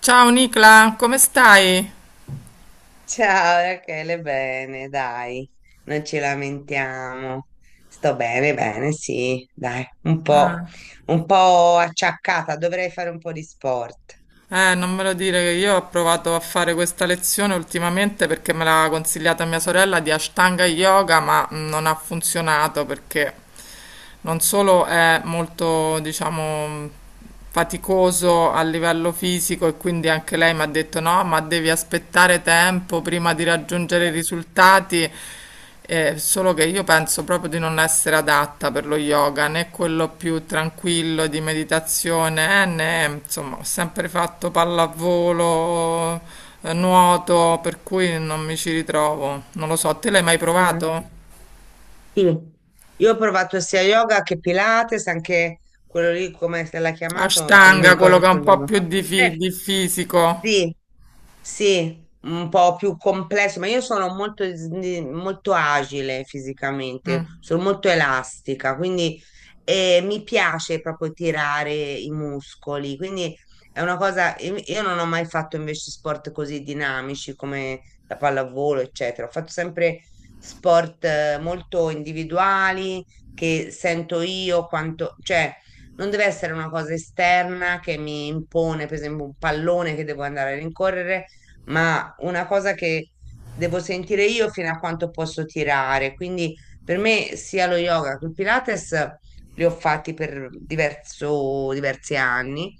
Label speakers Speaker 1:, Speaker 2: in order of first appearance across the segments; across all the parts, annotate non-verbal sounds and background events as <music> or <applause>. Speaker 1: Ciao Nicla, come stai?
Speaker 2: Ciao Rachele, bene, dai, non ci lamentiamo. Sto bene, bene, sì, dai, un
Speaker 1: Ah,
Speaker 2: po', un po' acciaccata, dovrei fare un po' di sport.
Speaker 1: Non me lo dire che io ho provato a fare questa lezione ultimamente perché me l'ha consigliata mia sorella di Ashtanga Yoga, ma non ha funzionato perché non solo è molto, diciamo, faticoso a livello fisico e quindi anche lei mi ha detto no, ma devi aspettare tempo prima di raggiungere i risultati. Solo che io penso proprio di non essere adatta per lo yoga, né quello più tranquillo di meditazione, né insomma, ho sempre fatto pallavolo, nuoto, per cui non mi ci ritrovo. Non lo so, te l'hai mai
Speaker 2: Mm,
Speaker 1: provato?
Speaker 2: sì. Io ho provato sia yoga che Pilates, anche quello lì, come se l'ha chiamato, che non mi
Speaker 1: Ashtanga, quello
Speaker 2: ricordo
Speaker 1: che ha
Speaker 2: più
Speaker 1: un
Speaker 2: il
Speaker 1: po'
Speaker 2: nome.
Speaker 1: più di,
Speaker 2: Eh,
Speaker 1: di fisico.
Speaker 2: sì, sì, un po' più complesso, ma io sono molto, molto agile fisicamente,
Speaker 1: Mm,
Speaker 2: sono molto elastica, quindi mi piace proprio tirare i muscoli, quindi è una cosa, io non ho mai fatto invece sport così dinamici come la pallavolo, eccetera, ho fatto sempre sport molto individuali che sento io quanto, cioè non deve essere una cosa esterna che mi impone, per esempio, un pallone che devo andare a rincorrere ma una cosa che devo sentire io fino a quanto posso tirare. Quindi per me sia lo yoga che il Pilates li ho fatti per diversi anni,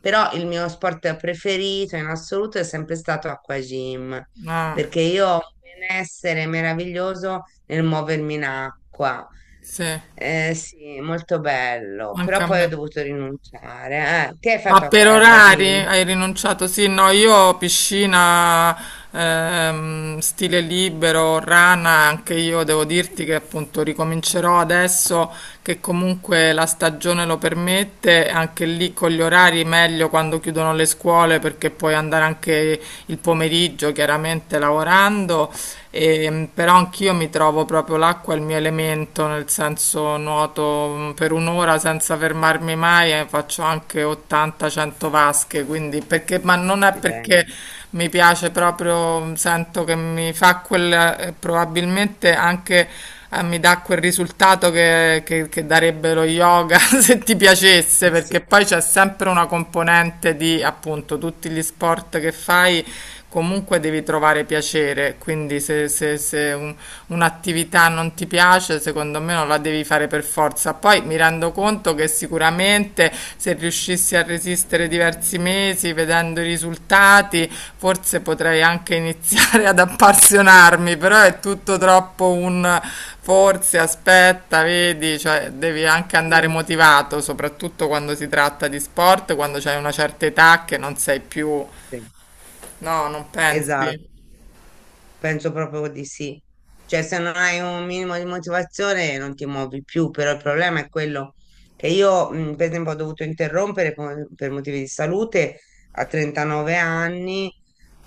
Speaker 2: però il mio sport preferito in assoluto è sempre stato acquagym,
Speaker 1: ah,
Speaker 2: perché io ho un benessere meraviglioso nel muovermi in acqua.
Speaker 1: sì,
Speaker 2: Sì, molto bello,
Speaker 1: anche
Speaker 2: però
Speaker 1: a
Speaker 2: poi
Speaker 1: me.
Speaker 2: ho dovuto rinunciare. Ti hai
Speaker 1: Ma
Speaker 2: fatto
Speaker 1: per orari
Speaker 2: acquagym?
Speaker 1: hai rinunciato? Sì, no, io piscina, stile libero, rana, anche io devo dirti che appunto ricomincerò adesso che comunque la stagione lo permette, anche lì con gli orari meglio quando chiudono le scuole perché puoi andare anche il pomeriggio chiaramente lavorando, e, però anch'io mi trovo proprio l'acqua è il mio elemento, nel senso nuoto per un'ora senza fermarmi mai e faccio anche 80-100 vasche, quindi perché, ma non è
Speaker 2: Cileno.
Speaker 1: perché mi piace proprio, sento che mi fa quel, probabilmente anche mi dà quel risultato che, che darebbe lo yoga <laughs> se ti piacesse,
Speaker 2: Sì,
Speaker 1: perché poi c'è sempre una componente di appunto tutti gli sport che fai. Comunque devi trovare piacere, quindi se, se un'attività non ti piace, secondo me non la devi fare per forza. Poi mi rendo conto che sicuramente se riuscissi a resistere diversi mesi vedendo i risultati, forse potrei anche iniziare ad appassionarmi, però è tutto troppo un forse, aspetta, vedi, cioè devi anche andare motivato, soprattutto quando si tratta di sport, quando c'hai una certa età che non sei più,
Speaker 2: sì,
Speaker 1: no, non pensi?
Speaker 2: esatto. Penso proprio di sì. Cioè, se non hai un minimo di motivazione non ti muovi più, però il problema è quello che io, per esempio, ho dovuto interrompere per motivi di salute a 39 anni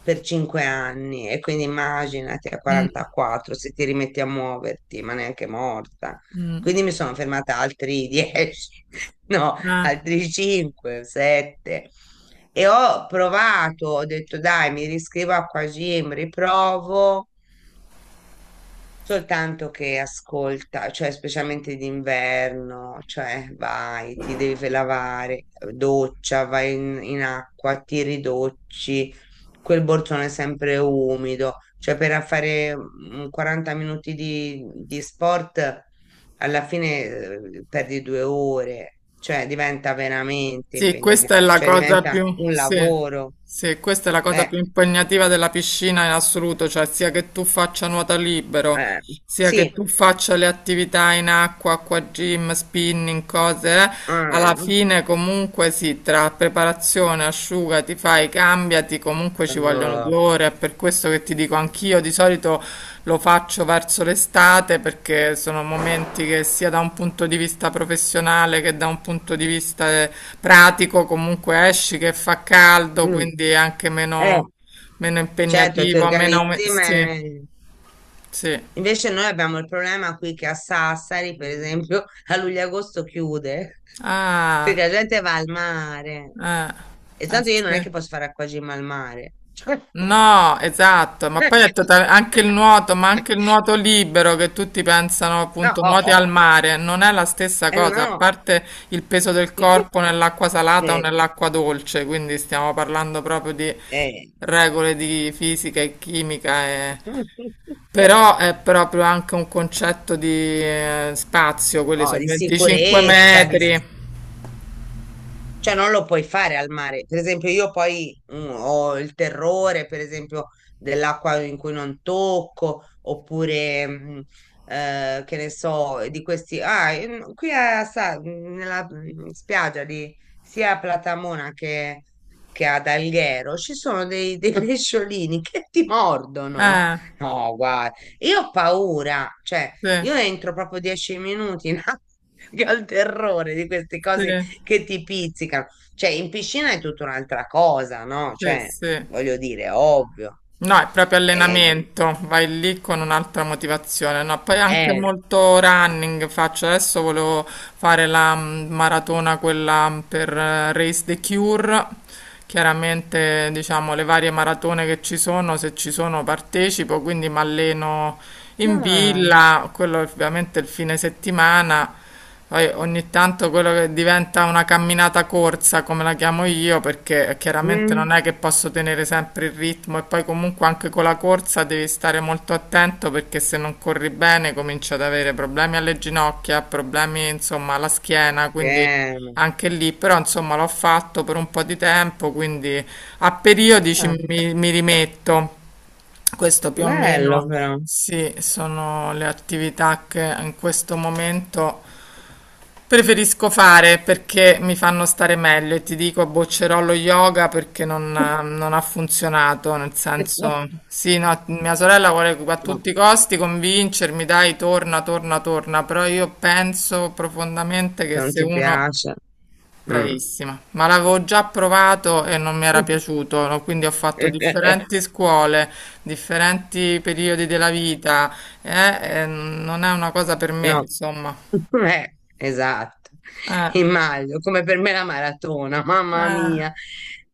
Speaker 2: per 5 anni e quindi immaginati a
Speaker 1: Mm,
Speaker 2: 44 se ti rimetti a muoverti, ma neanche morta.
Speaker 1: mm,
Speaker 2: Quindi mi sono fermata altri 10, <laughs> no,
Speaker 1: eh.
Speaker 2: altri 5, 7. E ho provato, ho detto dai, mi riscrivo a Quagim, riprovo, soltanto che ascolta, cioè specialmente d'inverno, cioè vai, ti devi lavare, doccia, vai in acqua, ti ridocci, quel borsone è sempre umido, cioè per fare 40 minuti di sport alla fine perdi 2 ore, cioè diventa veramente
Speaker 1: Sì,
Speaker 2: impegnativo,
Speaker 1: questa è la
Speaker 2: cioè
Speaker 1: cosa
Speaker 2: diventa un lavoro.
Speaker 1: sì, questa è la cosa
Speaker 2: Eh,
Speaker 1: più impegnativa della piscina in assoluto, cioè sia che tu faccia nuoto libero,
Speaker 2: eh,
Speaker 1: sia che
Speaker 2: sì.
Speaker 1: tu faccia le attività in acqua, acqua gym, spinning, cose, alla
Speaker 2: Ah,
Speaker 1: fine comunque sì, tra preparazione, asciugamano ti fai, cambiati, comunque ci vogliono
Speaker 2: eh,
Speaker 1: due ore, è per questo che ti dico anch'io, di solito lo faccio verso l'estate perché sono momenti che sia da un punto di vista professionale che da un punto di vista pratico comunque esci che fa caldo,
Speaker 2: mm.
Speaker 1: quindi è anche
Speaker 2: Eh,
Speaker 1: meno, meno
Speaker 2: certo, ti
Speaker 1: impegnativo, meno...
Speaker 2: organizzi, ma
Speaker 1: Sì, sì.
Speaker 2: invece noi abbiamo il problema qui che a Sassari, per esempio, a luglio-agosto chiude, <laughs> perché
Speaker 1: Ah,
Speaker 2: la gente va al mare.
Speaker 1: eh,
Speaker 2: E
Speaker 1: eh
Speaker 2: tanto io non è che
Speaker 1: sì.
Speaker 2: posso fare acquagym al mare. <laughs> Cioè,
Speaker 1: No, esatto, ma poi è anche il nuoto, ma anche il nuoto libero che tutti pensano appunto nuoti
Speaker 2: no,
Speaker 1: al mare, non è la stessa
Speaker 2: eh
Speaker 1: cosa, a
Speaker 2: no.
Speaker 1: parte il peso del
Speaker 2: <laughs>
Speaker 1: corpo nell'acqua salata o
Speaker 2: Eh,
Speaker 1: nell'acqua dolce, quindi stiamo parlando proprio di
Speaker 2: eh.
Speaker 1: regole di fisica e chimica e-
Speaker 2: <laughs>
Speaker 1: Però è proprio anche un concetto di spazio, quelli
Speaker 2: No,
Speaker 1: sono
Speaker 2: di
Speaker 1: 25
Speaker 2: sicurezza, di.
Speaker 1: metri.
Speaker 2: Cioè, non lo puoi fare al mare. Per esempio, io poi ho il terrore, per esempio, dell'acqua in cui non tocco, oppure, che ne so, di questi... Ah, qui a nella spiaggia di sia a Platamona che ad Alghero ci sono dei <laughs> pesciolini che ti mordono.
Speaker 1: Eh,
Speaker 2: No, guarda, io ho paura, cioè,
Speaker 1: sì,
Speaker 2: io entro proprio 10 minuti in acqua, <laughs> che ho il terrore di queste
Speaker 1: sì,
Speaker 2: cose che ti pizzicano. Cioè, in piscina è tutta un'altra cosa, no?
Speaker 1: sì,
Speaker 2: Cioè,
Speaker 1: sì.
Speaker 2: voglio dire, ovvio.
Speaker 1: No, è proprio
Speaker 2: Eh,
Speaker 1: allenamento, vai lì con un'altra motivazione, no? Poi anche
Speaker 2: eh,
Speaker 1: molto running faccio, adesso volevo fare la maratona quella per Race the Cure, chiaramente diciamo le varie maratone che ci sono, se ci sono partecipo, quindi mi alleno in
Speaker 2: no,
Speaker 1: villa, quello è ovviamente il fine settimana, poi ogni tanto quello che diventa una camminata corsa, come la chiamo io, perché chiaramente
Speaker 2: mm,
Speaker 1: non è che posso tenere sempre il ritmo e poi comunque anche con la corsa devi stare molto attento perché se non corri bene cominci ad avere problemi alle ginocchia, problemi insomma alla
Speaker 2: la
Speaker 1: schiena, quindi
Speaker 2: schiena.
Speaker 1: anche lì, però insomma l'ho fatto per un po' di tempo, quindi a periodi
Speaker 2: Ah,
Speaker 1: mi, mi rimetto. Questo più o meno
Speaker 2: bello però.
Speaker 1: sì, sono le attività che in questo momento preferisco fare perché mi fanno stare meglio e ti dico boccerò lo yoga perché non, non ha funzionato, nel senso,
Speaker 2: <laughs>
Speaker 1: sì, no, mia sorella vuole a
Speaker 2: No,
Speaker 1: tutti i costi convincermi, dai, torna, torna, torna, però io penso profondamente
Speaker 2: se
Speaker 1: che
Speaker 2: non
Speaker 1: se
Speaker 2: ti
Speaker 1: uno...
Speaker 2: piace. Mm.
Speaker 1: Bravissima, ma l'avevo già provato e non mi era piaciuto, no? Quindi ho fatto
Speaker 2: <laughs>
Speaker 1: differenti scuole, differenti periodi della vita, e non è una cosa per me,
Speaker 2: No,
Speaker 1: insomma.
Speaker 2: <laughs> Esatto,
Speaker 1: Eh,
Speaker 2: immagino, come per me la maratona, mamma
Speaker 1: eh.
Speaker 2: mia.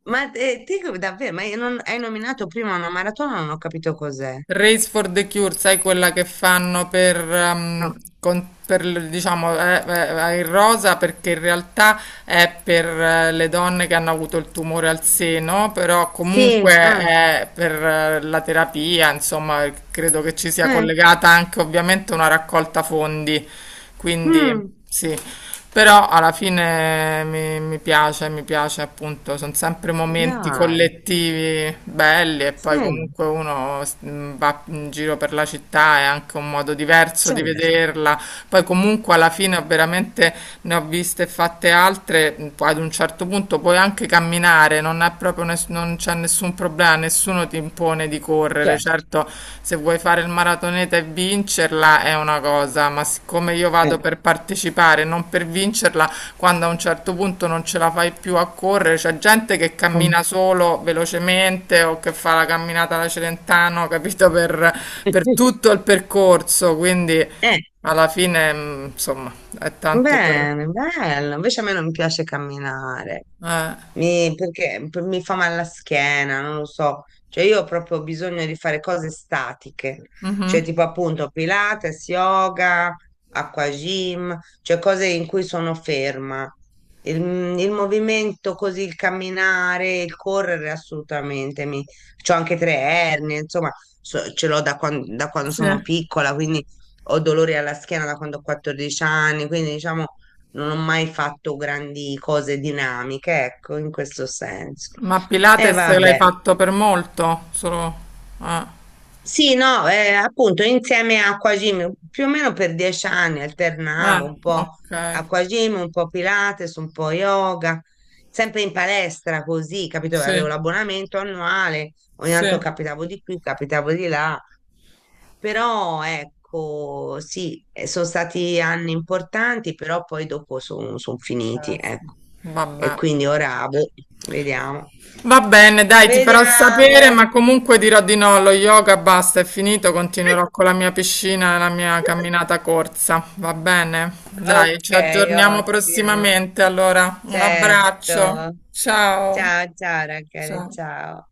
Speaker 2: Ma te davvero, ma io hai nominato prima una maratona, non ho capito cos'è.
Speaker 1: Race for the Cure, sai quella che fanno per,
Speaker 2: No.
Speaker 1: per, diciamo, il rosa perché in realtà è per le donne che hanno avuto il tumore al seno, però comunque
Speaker 2: Sì, ah,
Speaker 1: è per la terapia, insomma, credo che ci sia
Speaker 2: eh,
Speaker 1: collegata anche ovviamente una raccolta fondi, quindi
Speaker 2: mm,
Speaker 1: sì. Però alla fine mi, mi piace appunto, sono sempre momenti
Speaker 2: dai,
Speaker 1: collettivi belli e poi
Speaker 2: sì,
Speaker 1: comunque uno va in giro per la città, è anche un modo diverso di
Speaker 2: certo,
Speaker 1: vederla. Poi comunque alla fine ho veramente ne ho viste e fatte altre, poi ad un certo punto puoi anche camminare, non è proprio non c'è nessun un problema, nessuno ti impone di correre.
Speaker 2: certo.
Speaker 1: Certo, se vuoi fare il maratoneta e vincerla è una cosa, ma siccome io
Speaker 2: Eh.
Speaker 1: vado per partecipare, non per vincerla, quando a un certo punto non ce la fai più a correre, c'è gente che cammina solo velocemente o che fa la camminata alla Celentano, capito, per
Speaker 2: <laughs>
Speaker 1: tutto il percorso, quindi
Speaker 2: Eh,
Speaker 1: alla fine, insomma, è tanto per...
Speaker 2: bene, bello, invece a me non piace camminare.
Speaker 1: Eh,
Speaker 2: Perché mi fa male la schiena, non lo so. Cioè, io ho proprio bisogno di fare cose statiche, cioè
Speaker 1: mhm,
Speaker 2: tipo appunto Pilates, yoga, acqua gym, cioè cose in cui sono ferma. Il, il movimento così, il camminare, il correre assolutamente. C'ho anche tre ernie, insomma, ce l'ho da da quando
Speaker 1: sì.
Speaker 2: sono piccola, quindi ho dolori alla schiena da quando ho 14 anni, quindi diciamo non ho mai fatto grandi cose dinamiche, ecco, in questo senso.
Speaker 1: Ma
Speaker 2: E
Speaker 1: Pilates l'hai
Speaker 2: vabbè,
Speaker 1: fatto per molto? Solo... Ah,
Speaker 2: sì, no, appunto insieme a Aquagym, più o meno per 10 anni
Speaker 1: ah,
Speaker 2: alternavo un po'
Speaker 1: ok.
Speaker 2: Aquagym, un po' Pilates, un po' yoga, sempre in palestra così, capito? Avevo
Speaker 1: Sì,
Speaker 2: l'abbonamento annuale, ogni
Speaker 1: sì.
Speaker 2: tanto capitavo di qui, capitavo di là, però ecco, sì, sono stati anni importanti, però poi dopo sono finiti,
Speaker 1: Sì.
Speaker 2: ecco. E
Speaker 1: Vabbè.
Speaker 2: quindi ora, boh, vediamo.
Speaker 1: Va bene, dai, ti farò
Speaker 2: Vediamo.
Speaker 1: sapere, ma comunque dirò di no, lo yoga basta, è finito, continuerò con la mia piscina e la mia
Speaker 2: <laughs>
Speaker 1: camminata corsa. Va bene? Dai,
Speaker 2: Ok,
Speaker 1: ci aggiorniamo
Speaker 2: ottimo.
Speaker 1: prossimamente, allora. Un abbraccio.
Speaker 2: Certo.
Speaker 1: Ciao.
Speaker 2: Ciao, ciao ragazzi,
Speaker 1: Ciao.
Speaker 2: ciao.